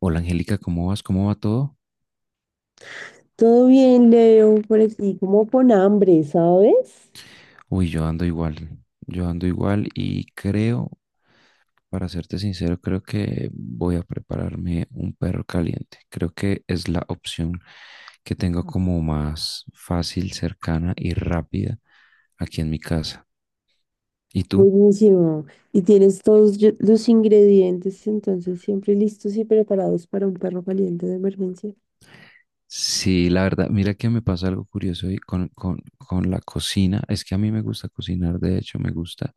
Hola Angélica, ¿cómo vas? ¿Cómo va todo? Todo bien, Leo, por aquí como con hambre, ¿sabes? Uy, yo ando igual y creo, para serte sincero, creo que voy a prepararme un perro caliente. Creo que es la opción que tengo como más fácil, cercana y rápida aquí en mi casa. ¿Y tú? Buenísimo. Y tienes todos los ingredientes, entonces siempre listos y preparados para un perro caliente de emergencia. Sí, la verdad, mira que me pasa algo curioso hoy con la cocina. Es que a mí me gusta cocinar, de hecho, me gusta,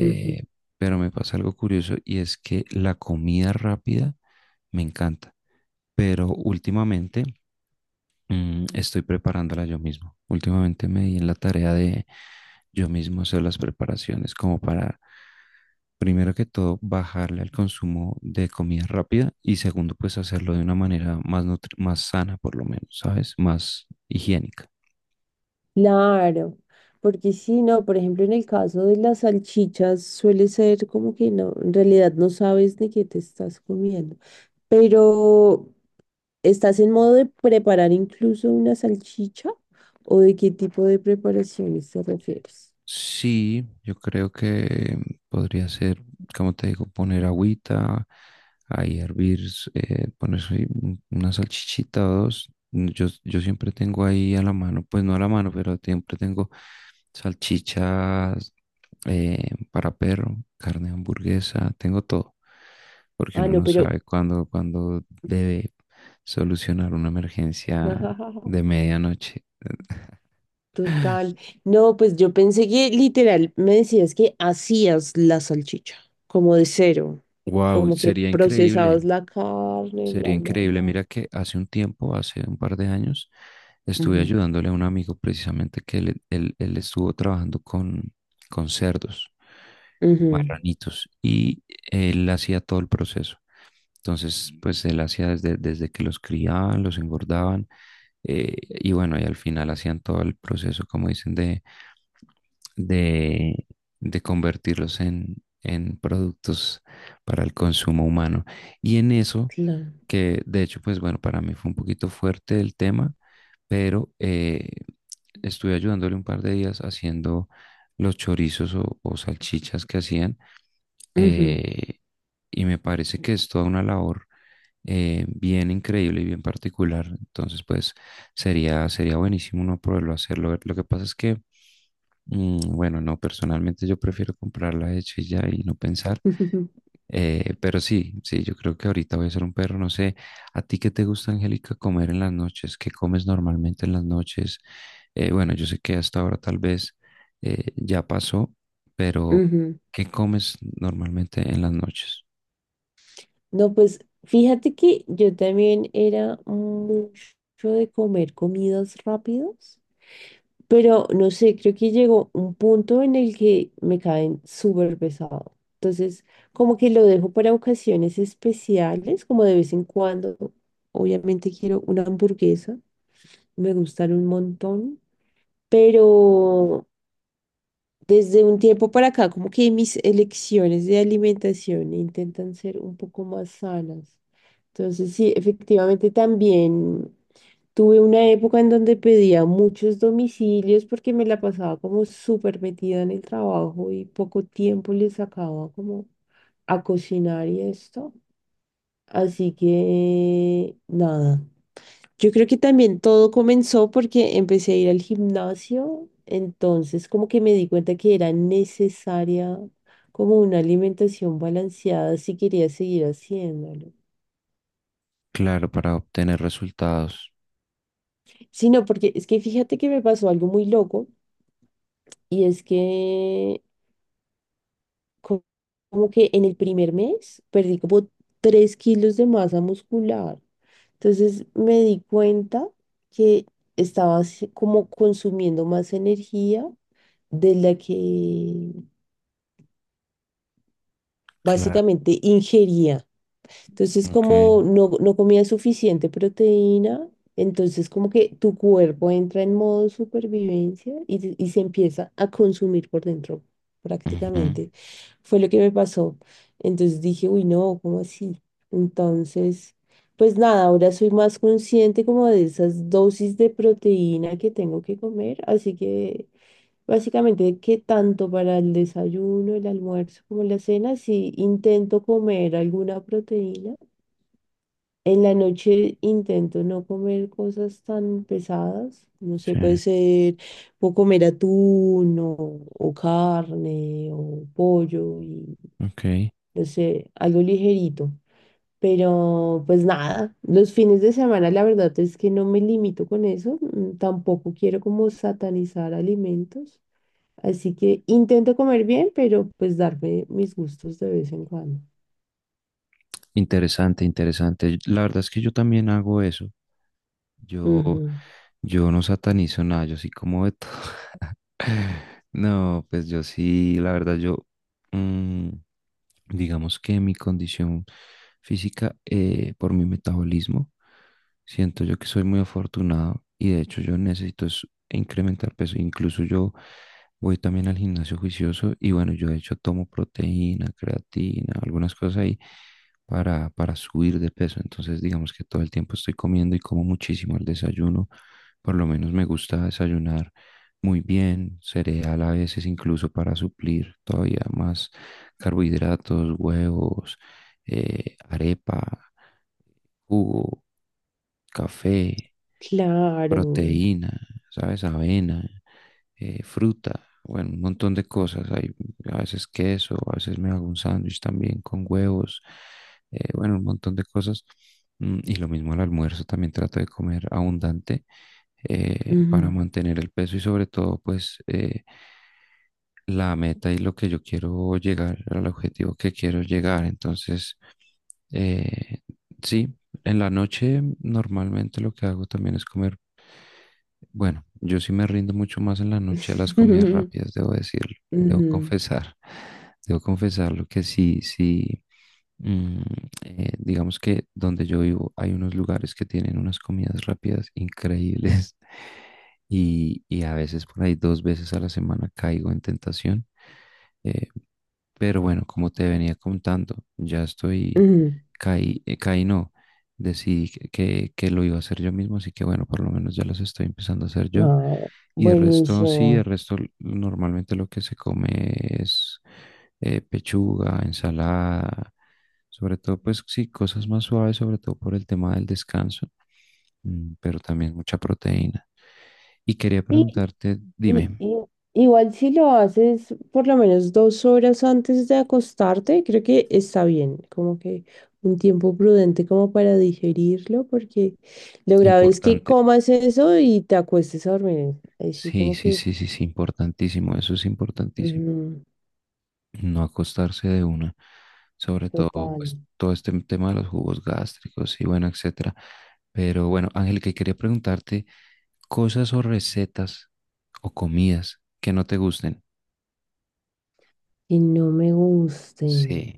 Ujú. pero me pasa algo curioso y es que la comida rápida me encanta, pero últimamente estoy preparándola yo mismo. Últimamente me di en la tarea de yo mismo hacer las preparaciones como para, primero que todo, bajarle al consumo de comida rápida y segundo, pues hacerlo de una manera más, más sana, por lo menos, ¿sabes? Más higiénica. Claro, porque si no, por ejemplo, en el caso de las salchichas suele ser como que no, en realidad no sabes de qué te estás comiendo. Pero, ¿estás en modo de preparar incluso una salchicha? ¿O de qué tipo de preparaciones te refieres? Sí, yo creo que podría ser, como te digo, poner agüita, ahí hervir, poner ahí una salchichita o dos. Mm, Yo siempre tengo ahí a la mano, pues no a la mano, pero siempre tengo salchichas, para perro, carne de hamburguesa, tengo todo, porque Ah, uno no, no pero sabe cuándo debe solucionar una emergencia de medianoche. Total. No, pues yo pensé que literal me decías que hacías la salchicha, como de cero, Wow, como que sería increíble. procesabas la carne, Sería bla, bla, increíble. bla. Mira que hace un tiempo, hace un par de años, estuve Ujú, ayudándole a un amigo precisamente que él estuvo trabajando con cerdos, ujú, marranitos, y él hacía todo el proceso. Entonces, pues él hacía desde que los criaban, los engordaban, y bueno, y al final hacían todo el proceso, como dicen, de, de convertirlos en productos para el consumo humano. Y en eso, claro. que de hecho, pues bueno, para mí fue un poquito fuerte el tema, pero estuve ayudándole un par de días haciendo los chorizos o salchichas que hacían. Ujú, eh, y me parece que es toda una labor bien increíble y bien particular. Entonces, pues sería buenísimo uno poderlo hacerlo. Lo que pasa es que bueno, no, personalmente yo prefiero comprarla hecha y ya y no pensar, pero sí, sí, yo creo que ahorita voy a ser un perro, no sé, ¿a ti qué te gusta, Angélica, comer en las noches? ¿Qué comes normalmente en las noches? Bueno, yo sé que hasta ahora tal vez ya pasó, pero ujú. ¿qué comes normalmente en las noches? No, pues fíjate que yo también era mucho de comer comidas rápidas. Pero no sé, creo que llegó un punto en el que me caen súper pesado. Entonces, como que lo dejo para ocasiones especiales, como de vez en cuando. Obviamente quiero una hamburguesa, me gustan un montón, pero desde un tiempo para acá, como que mis elecciones de alimentación intentan ser un poco más sanas. Entonces, sí, efectivamente también. Tuve una época en donde pedía muchos domicilios porque me la pasaba como súper metida en el trabajo y poco tiempo le sacaba como a cocinar y esto. Así que nada, yo creo que también todo comenzó porque empecé a ir al gimnasio, entonces como que me di cuenta que era necesaria como una alimentación balanceada si quería seguir haciéndolo. Claro, para obtener resultados. Sí, no, porque es que fíjate que me pasó algo muy loco y es que co- como que en el primer mes perdí como 3 kilos de masa muscular. Entonces me di cuenta que estaba así como consumiendo más energía de la que Claro, básicamente ingería. Entonces, ok. como no, no comías suficiente proteína, entonces como que tu cuerpo entra en modo supervivencia y, y se empieza a consumir por dentro, Ujú. prácticamente. Fue lo que me pasó. Entonces dije, uy, no, ¿cómo así? Entonces, pues nada, ahora soy más consciente como de esas dosis de proteína que tengo que comer, así que... Básicamente que tanto para el desayuno, el almuerzo como la cena, si intento comer alguna proteína, en la noche intento no comer cosas tan pesadas, no sé, Sí, puede ser, puedo comer atún o carne o pollo y ok. no sé, algo ligerito. Pero pues nada, los fines de semana la verdad es que no me limito con eso, tampoco quiero como satanizar alimentos, así que intento comer bien, pero pues darme mis gustos de vez en cuando. Interesante, interesante. La verdad es que yo también hago eso. Yo, Ujú, yo no satanizo nada, yo sí como de todo. No, pues yo sí, la verdad, yo, mm, digamos que mi condición física, por mi metabolismo, siento yo que soy muy afortunado y de hecho yo necesito es incrementar peso. Incluso yo voy también al gimnasio juicioso y bueno, yo de hecho tomo proteína, creatina, algunas cosas ahí para subir de peso. Entonces, digamos que todo el tiempo estoy comiendo y como muchísimo el desayuno. Por lo menos me gusta desayunar muy bien, cereal a veces incluso para suplir todavía más carbohidratos, huevos, arepa, jugo, café, claro. proteína, ¿sabes? Avena, fruta, bueno, un montón de cosas. Hay a veces queso, a veces me hago un sándwich también con huevos, bueno, un montón de cosas. Y lo mismo al almuerzo, también trato de comer abundante, para Ujú. mantener el peso y sobre todo, pues, la meta y lo que yo quiero llegar, al objetivo que quiero llegar. Entonces, eh, sí, en la noche normalmente lo que hago también es comer. Bueno, yo sí me rindo mucho más en la noche a las comidas rápidas, debo decirlo, debo Ujú, confesar, debo confesarlo que sí, sí, mm, digamos que donde yo vivo hay unos lugares que tienen unas comidas rápidas increíbles y a veces por ahí dos veces a la semana caigo en tentación, eh, pero bueno, como te venía contando, ya estoy, ujú. caí, caí no, decidí que lo iba a hacer yo mismo, así que bueno, por lo menos ya los estoy empezando a hacer yo. No, Y el resto, sí, el buenísimo. resto normalmente lo que se come es pechuga, ensalada, sobre todo pues sí, cosas más suaves, sobre todo por el tema del descanso, pero también mucha proteína. Y quería Y, preguntarte, y- dime, y- igual si lo haces por lo menos 2 horas antes de acostarte, creo que está bien, como que un tiempo prudente como para digerirlo, porque lo grave es que importante. comas eso y te acuestes a dormir. Así Sí, como sí, que, sí, sí, sí, importantísimo, eso es importantísimo. ujú, No acostarse de una, sobre todo pues, total, todo este tema de los jugos gástricos y bueno, etcétera. Pero bueno, Ángel, que quería preguntarte cosas o recetas o comidas que no te gusten. que no me gusten. Sí,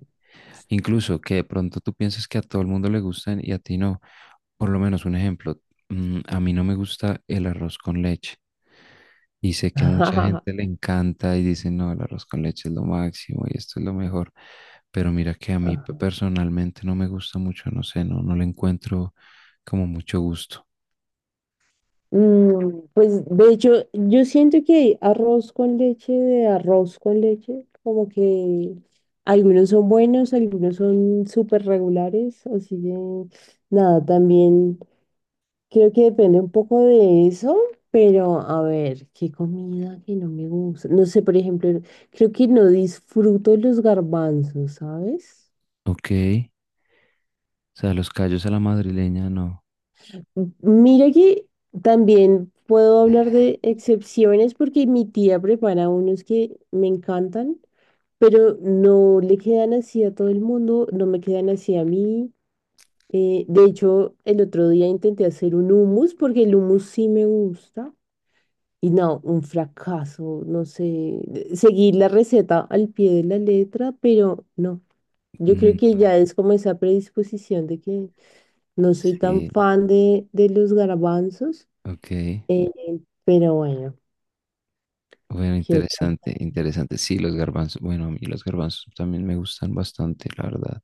incluso que de pronto tú piensas que a todo el mundo le gustan y a ti no. Por lo menos un ejemplo, a mí no me gusta el arroz con leche. Y sé que a mucha gente le encanta y dice, no, el arroz con leche es lo máximo y esto es lo mejor. Pero mira que a mí personalmente no me gusta mucho, no sé, no, no le encuentro como mucho gusto. Mm, pues de hecho, yo siento que arroz con leche, de arroz con leche, como que algunos son buenos, algunos son súper regulares, así que nada, también creo que depende un poco de eso, pero a ver, qué comida que no me gusta. No sé, por ejemplo, creo que no disfruto los garbanzos, ¿sabes? Ok, o sea, los callos a la madrileña, no. Mira que también puedo hablar de excepciones porque mi tía prepara unos que me encantan, pero no le quedan así a todo el mundo, no me quedan así a mí. De hecho, el otro día intenté hacer un hummus porque el hummus sí me gusta, y no, un fracaso, no sé, seguir la receta al pie de la letra, pero no. Yo creo Mm, que ya es como esa predisposición de que no soy tan sí, fan de los garbanzos, ok. eh, pero bueno, Bueno, ¿qué otra interesante, cosa? interesante. Sí, los garbanzos, bueno, a mí los garbanzos también me gustan bastante, la verdad.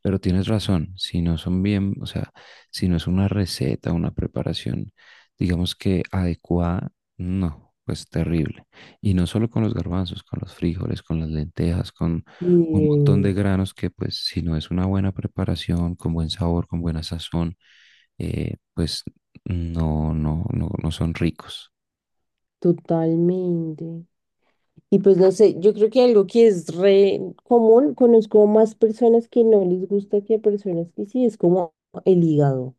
Pero tienes razón, si no son bien, o sea, si no es una receta, una preparación, digamos que adecuada, no, pues terrible. Y no solo con los garbanzos, con los frijoles, con las lentejas, con un montón Eh, de granos que pues si no es una buena preparación, con buen sabor, con buena sazón, pues no, no, no, no son ricos. Totalmente. Y pues no sé, yo creo que algo que es re común, conozco más personas que no les gusta que personas que sí, es como el hígado.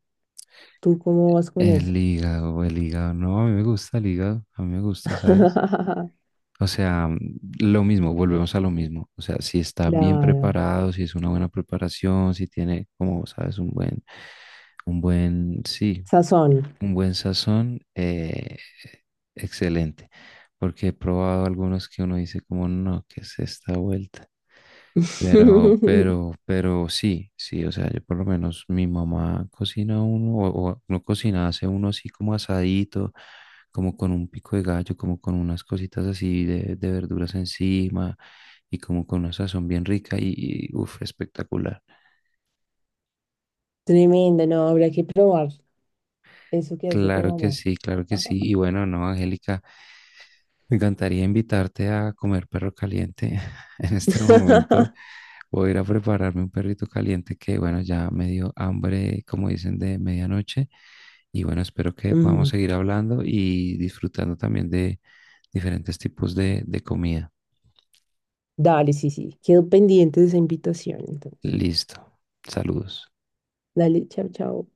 ¿Tú cómo vas con eso? El hígado, no, a mí me gusta el hígado, a mí me gusta, ¿sabes? O sea, lo mismo, volvemos a lo mismo. O sea, si está bien Claro, preparado, si es una buena preparación, si tiene, como sabes, un buen, sí, sazón. un buen sazón, excelente, porque he probado algunos que uno dice como, no, ¿qué es esta vuelta? Pero, pero, pero sí, sí, o sea, yo por lo menos mi mamá cocina uno, o no cocina, hace uno así como asadito, como con un pico de gallo, como con unas cositas así de verduras encima y como con una sazón bien rica y, uff, espectacular. Tremendo, no, habrá que probar eso que hace tu Claro que mamá. sí, claro que sí. Y bueno, no, Angélica. Me encantaría invitarte a comer perro caliente. En este momento voy a ir a prepararme un perrito caliente que, bueno, ya me dio hambre, como dicen, de medianoche. Y bueno, espero que podamos Ujú. seguir hablando y disfrutando también de diferentes tipos de comida. Dale, sí, sí, quedo pendiente de esa invitación, entonces. Listo. Saludos. Dale, chao, chao.